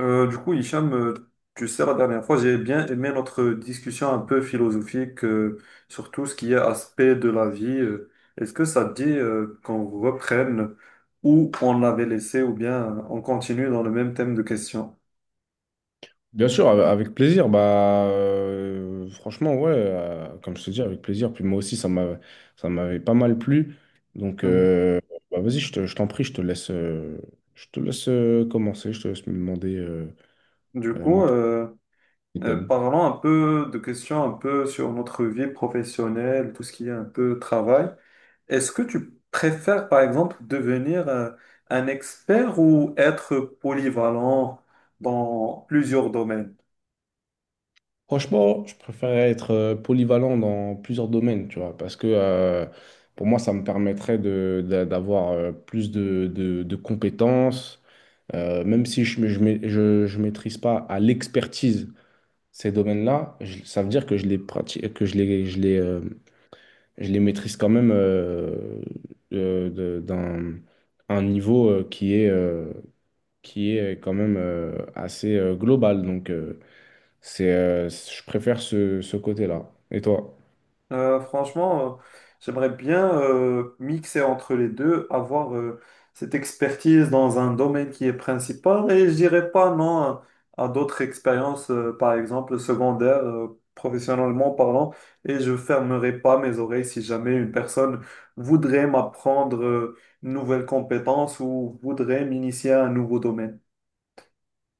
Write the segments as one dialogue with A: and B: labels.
A: Du coup, Hicham, tu sais, la dernière fois, j'ai bien aimé notre discussion un peu philosophique sur tout ce qui est aspect de la vie. Est-ce que ça te dit qu'on reprenne où on l'avait laissé ou bien on continue dans le même thème de questions?
B: Bien sûr, avec plaisir. Franchement, ouais, comme je te dis, avec plaisir. Puis moi aussi, ça m'avait pas mal plu. Donc,
A: Mhm.
B: euh, Vas-y, je t'en prie, je te laisse commencer. Je te laisse me demander,
A: Du
B: me
A: coup,
B: poser
A: euh,
B: des thèmes.
A: Parlons un peu de questions un peu sur notre vie professionnelle, tout ce qui est un peu travail. Est-ce que tu préfères, par exemple, devenir un expert ou être polyvalent dans plusieurs domaines?
B: Franchement, je préférerais être polyvalent dans plusieurs domaines, tu vois, parce que pour moi, ça me permettrait d'avoir plus de compétences, même si je, ne je, ma- je maîtrise pas à l'expertise. Ces domaines-là, ça veut dire que je les pratique, que je les maîtrise quand même d'un un niveau qui est quand même assez global. Je préfère ce côté-là. Et toi?
A: Franchement, j'aimerais bien mixer entre les deux, avoir cette expertise dans un domaine qui est principal et je dirais pas non à, à d'autres expériences, par exemple secondaires, professionnellement parlant, et je fermerai pas mes oreilles si jamais une personne voudrait m'apprendre une nouvelle compétence ou voudrait m'initier à un nouveau domaine.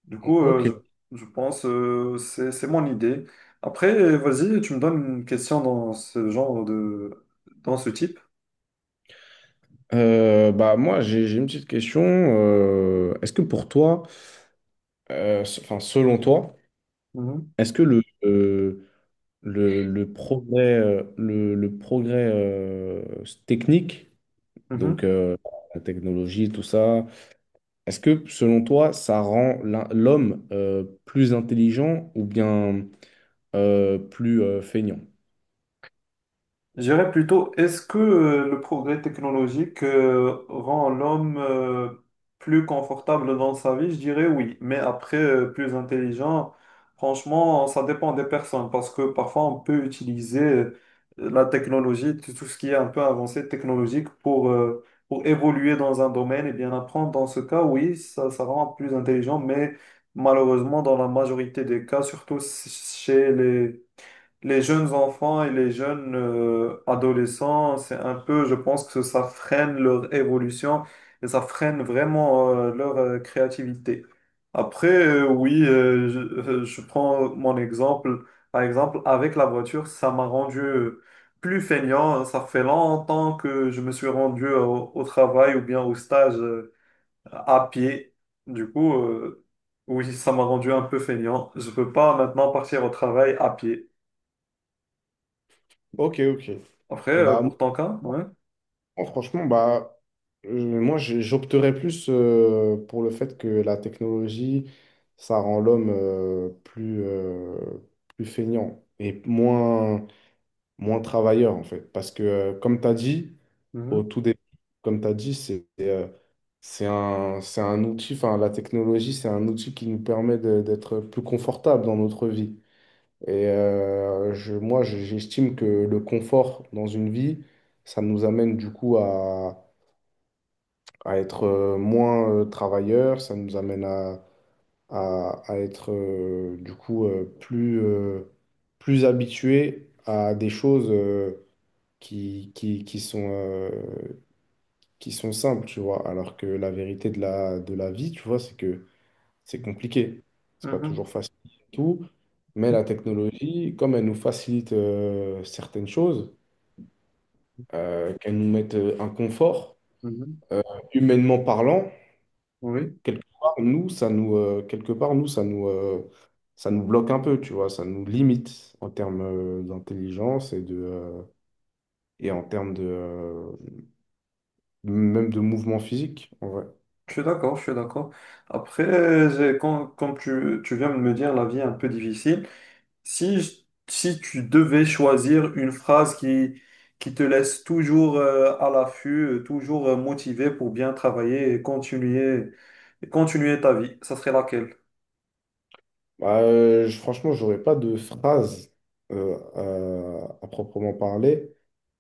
A: Du coup, euh,
B: Ok.
A: je, je pense c'est mon idée. Après, vas-y, tu me donnes une question dans ce genre de dans ce type.
B: Bah moi, j'ai une petite question. Est-ce que pour toi, enfin selon toi,
A: Mhm.
B: est-ce que le progrès, le progrès technique, Donc,
A: Mhm.
B: euh, la technologie, tout ça. Est-ce que, selon toi, ça rend l'homme plus intelligent ou bien plus feignant?
A: Je dirais plutôt, est-ce que le progrès technologique rend l'homme plus confortable dans sa vie? Je dirais oui, mais après, plus intelligent, franchement, ça dépend des personnes, parce que parfois on peut utiliser la technologie, tout ce qui est un peu avancé technologique pour évoluer dans un domaine et bien apprendre. Dans ce cas, oui, ça rend plus intelligent, mais malheureusement, dans la majorité des cas, surtout chez les jeunes enfants et les jeunes adolescents, c'est un peu, je pense que ça freine leur évolution et ça freine vraiment leur créativité. Après, oui, je prends mon exemple. Par exemple, avec la voiture, ça m'a rendu plus feignant. Ça fait longtemps que je me suis rendu au travail ou bien au stage à pied. Du coup, euh, oui, ça m'a rendu un peu feignant. Je peux pas maintenant partir au travail à pied.
B: Ok, ok. Et
A: Après,
B: bah,
A: pour ton cas, ouais.
B: moi, franchement, moi, j'opterais plus pour le fait que la technologie, ça rend l'homme plus feignant et moins travailleur, en fait. Parce que, comme tu as dit, au
A: Mhm,
B: tout début, comme tu as dit, c'est un outil, enfin, la technologie, c'est un outil qui nous permet d'être plus confortable dans notre vie. Et moi, j'estime que le confort dans une vie, ça nous amène du coup à être moins travailleur, ça nous amène à être du coup plus habitué à des choses, qui, qui, qui sont, euh, qui sont simples, tu vois. Alors que la vérité de de la vie, tu vois, c'est que c'est compliqué. C'est pas
A: mhm,
B: toujours facile et tout. Mais la technologie, comme elle nous facilite certaines choses, qu'elle nous mette un confort,
A: mhm.
B: humainement parlant,
A: Oui,
B: quelque part, ça nous bloque un peu, tu vois. Ça nous limite en termes d'intelligence et en termes même de mouvement physique, en vrai.
A: je suis d'accord. Après, quand, comme tu viens de me dire, la vie est un peu difficile. Si, je- Si tu devais choisir une phrase qui te laisse toujours à l'affût, toujours motivé pour bien travailler et continuer ta vie, ça serait laquelle?
B: Bah, franchement, j'aurais pas de phrase euh, à proprement parler.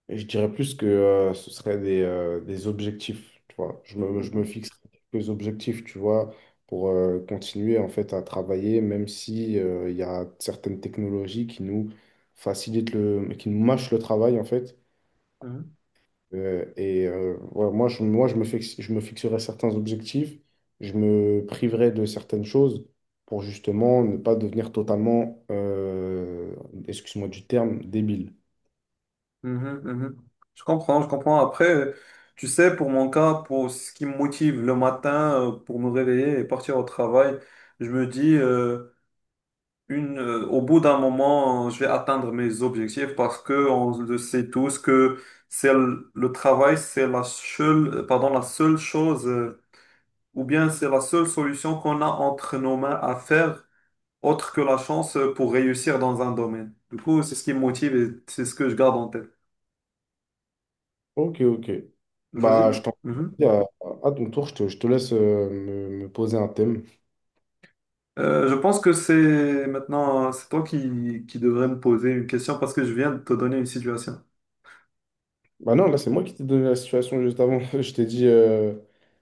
B: Et je dirais plus que ce serait des objectifs, tu vois. Je me
A: Mhm,
B: fixe quelques objectifs, tu vois, pour continuer en fait à travailler, même si il y a certaines technologies qui nous mâchent le travail en fait.
A: mhm.
B: Ouais, moi je me fixe, je me fixerai certains objectifs, je me priverai de certaines choses pour justement ne pas devenir totalement, excuse-moi du terme, débile.
A: Mhm, mhm. Je comprends. Après, tu sais, pour mon cas, pour ce qui me motive le matin, pour me réveiller et partir au travail, je me dis, au bout d'un moment, je vais atteindre mes objectifs parce que on le sait tous que c'est le travail, c'est la seule, pardon, la seule chose, ou bien c'est la seule solution qu'on a entre nos mains à faire, autre que la chance pour réussir dans un domaine. Du coup, c'est ce qui me motive et c'est ce que je garde en tête.
B: Ok, ok.
A: Vas-y.
B: Bah, je t'en
A: Mhm.
B: prie, à ton tour, je te laisse me poser un thème.
A: Je pense que c'est maintenant, c'est toi qui devrais me poser une question parce que je viens de te donner une situation.
B: Bah non, là, c'est moi qui t'ai donné la situation juste avant. Je t'ai dit,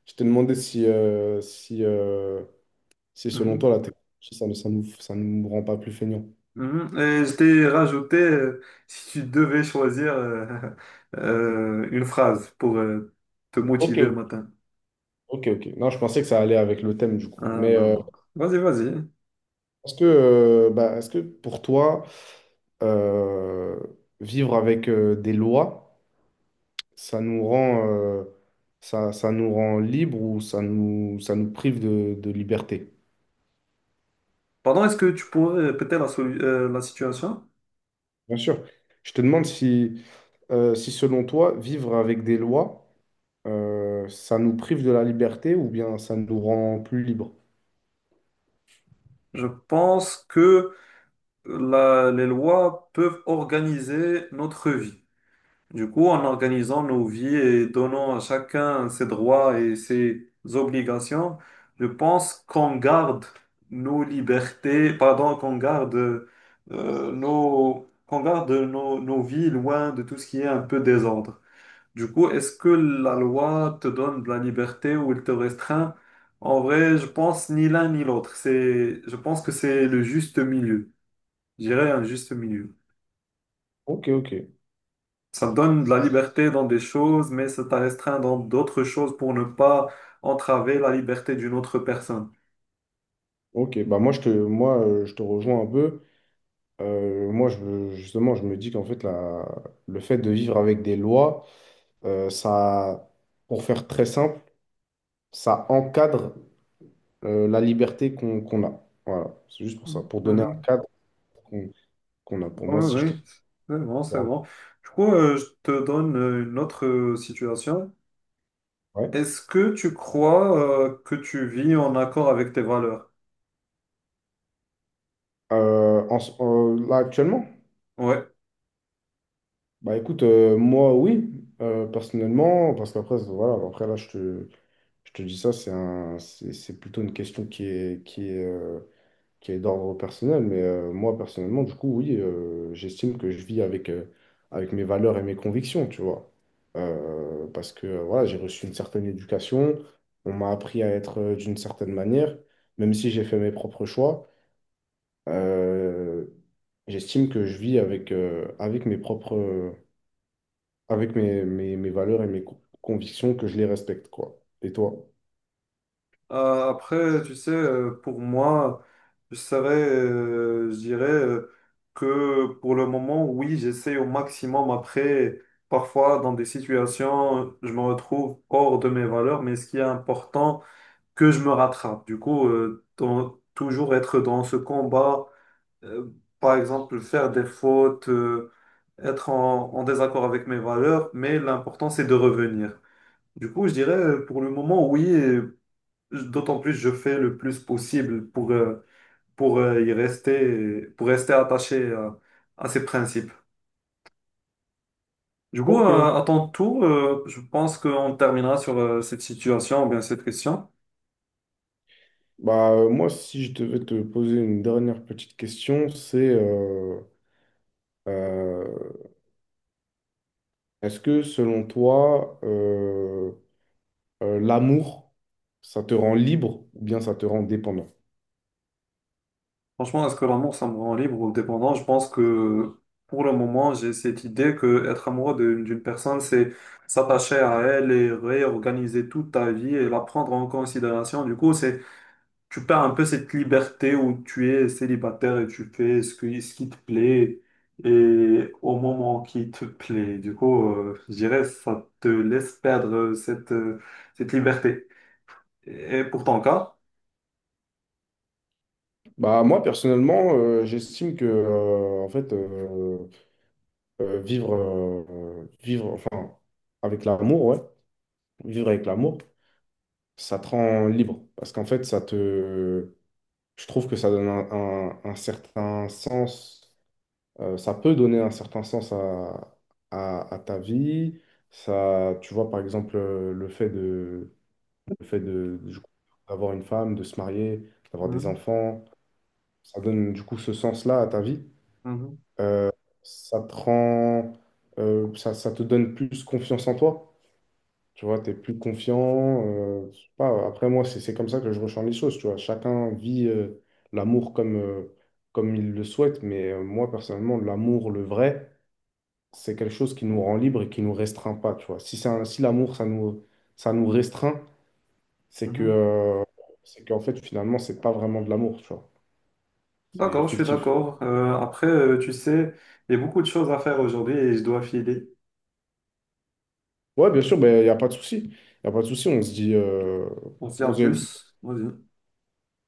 B: je t'ai demandé si selon
A: Mhm,
B: toi, la technologie, ça, ne- ça nous rend pas plus feignants.
A: mhm. Et je t'ai rajouté, si tu devais choisir une phrase pour te
B: Ok,
A: motiver le
B: ok.
A: matin.
B: Ok, ok. Non, je pensais que ça allait avec le thème du coup.
A: Ah
B: Mais
A: non, non. Vas-y.
B: est-ce que pour toi, euh, vivre avec des lois, ça nous rend, euh, ça nous rend libre ou ça nous prive de liberté?
A: Pardon, est-ce que tu pourrais répéter la situation?
B: Bien sûr. Je te demande si selon toi, vivre avec des lois, ça nous prive de la liberté ou bien ça nous rend plus libre?
A: Je pense que les lois peuvent organiser notre vie. Du coup, en organisant nos vies et donnant à chacun ses droits et ses obligations, je pense qu'on garde nos libertés, pardon, qu'on garde qu'on garde nos vies loin de tout ce qui est un peu désordre. Du coup, est-ce que la loi te donne de la liberté ou elle te restreint? En vrai, je pense ni l'un ni l'autre. Je pense que c'est le juste milieu. Je dirais un juste milieu.
B: Ok, ok.
A: Ça te donne de la liberté dans des choses, mais ça t'a restreint dans d'autres choses pour ne pas entraver la liberté d'une autre personne.
B: Ok, bah moi, je te rejoins un peu. Justement, je me dis qu'en fait, le fait de vivre avec des lois, euh, ça, pour faire très simple, ça encadre la liberté qu'on a. Voilà, c'est juste pour ça,
A: Mhm.
B: pour donner un
A: Mhm.
B: cadre qu'on qu'on a. Pour
A: Oui,
B: moi, si je te...
A: oui, c'est bon. Du coup, je te donne une autre situation.
B: Ouais.
A: Est-ce que tu crois que tu vis en accord avec tes valeurs?
B: Là, actuellement,
A: Oui.
B: bah écoute, moi, oui, personnellement, parce qu'après, voilà, après, là, je te dis ça, c'est un, c'est plutôt une question qui est, qui est d'ordre personnel, mais moi personnellement, du coup, oui, j'estime que je vis avec, avec mes valeurs et mes convictions, tu vois. Parce que voilà, j'ai reçu une certaine éducation, on m'a appris à être d'une certaine manière, même si j'ai fait mes propres choix, euh, j'estime que je vis avec, avec mes propres, avec mes valeurs et mes convictions, que je les respecte, quoi. Et toi?
A: Tu sais, pour moi, je dirais que pour le moment, oui, j'essaie au maximum. Après, parfois, dans des situations, je me retrouve hors de mes valeurs, mais ce qui est important, que je me rattrape. Toujours être dans ce combat, euh, par exemple, faire des fautes, être en désaccord avec mes valeurs, mais l'important, c'est de revenir. Du coup, je dirais, pour le moment, oui. D'autant plus, je fais le plus possible pour y rester, pour rester attaché à ces principes. Du coup,
B: Ok, ok.
A: à ton tour, je pense qu'on terminera sur cette situation ou bien cette question.
B: Bah, moi, si je devais te poser une dernière petite question, Euh, est-ce que selon toi, l'amour, ça te rend libre ou bien ça te rend dépendant?
A: Franchement, est-ce que l'amour, ça me rend libre ou dépendant? Je pense que pour le moment, j'ai cette idée que être amoureux d'une personne, c'est s'attacher à elle et réorganiser toute ta vie et la prendre en considération. Du coup, c'est, tu perds un peu cette liberté où tu es célibataire et tu fais ce ce qui te plaît et au moment qui te plaît. Du coup, je dirais, ça te laisse perdre cette, cette liberté. Et pour ton cas?
B: Bah, moi, personnellement, j'estime que en fait, vivre enfin, avec l'amour, ouais, vivre avec l'amour, ça te rend libre. Parce qu'en fait, je trouve que ça donne un certain sens. Ça peut donner un certain sens à ta vie. Ça, tu vois, par exemple, le fait de, du coup, d'avoir une femme, de se marier, d'avoir des
A: Mhm,
B: enfants, ça donne du coup ce sens-là à ta vie.
A: mhm,
B: Ça te rend, Ça te donne plus confiance en toi. Tu vois, tu es plus confiant. Je sais pas, après, moi, c'est comme ça que je ressens les choses. Tu vois, chacun vit l'amour comme il le souhaite, mais moi, personnellement, l'amour, le vrai, c'est quelque chose qui nous rend libre et qui nous restreint pas, tu vois. Si si l'amour, ça nous restreint, c'est que,
A: mhm.
B: euh, c'est qu'en fait, finalement, c'est pas vraiment de l'amour, tu vois. C'est
A: D'accord, je suis
B: fictif.
A: d'accord. Tu sais, il y a beaucoup de choses à faire aujourd'hui et je dois filer.
B: Ouais, bien sûr, ben, il n'y a pas de souci. Il n'y a pas de souci,
A: On se dit
B: on
A: en
B: se dit... une...
A: plus. Vas-y.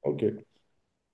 B: Ok.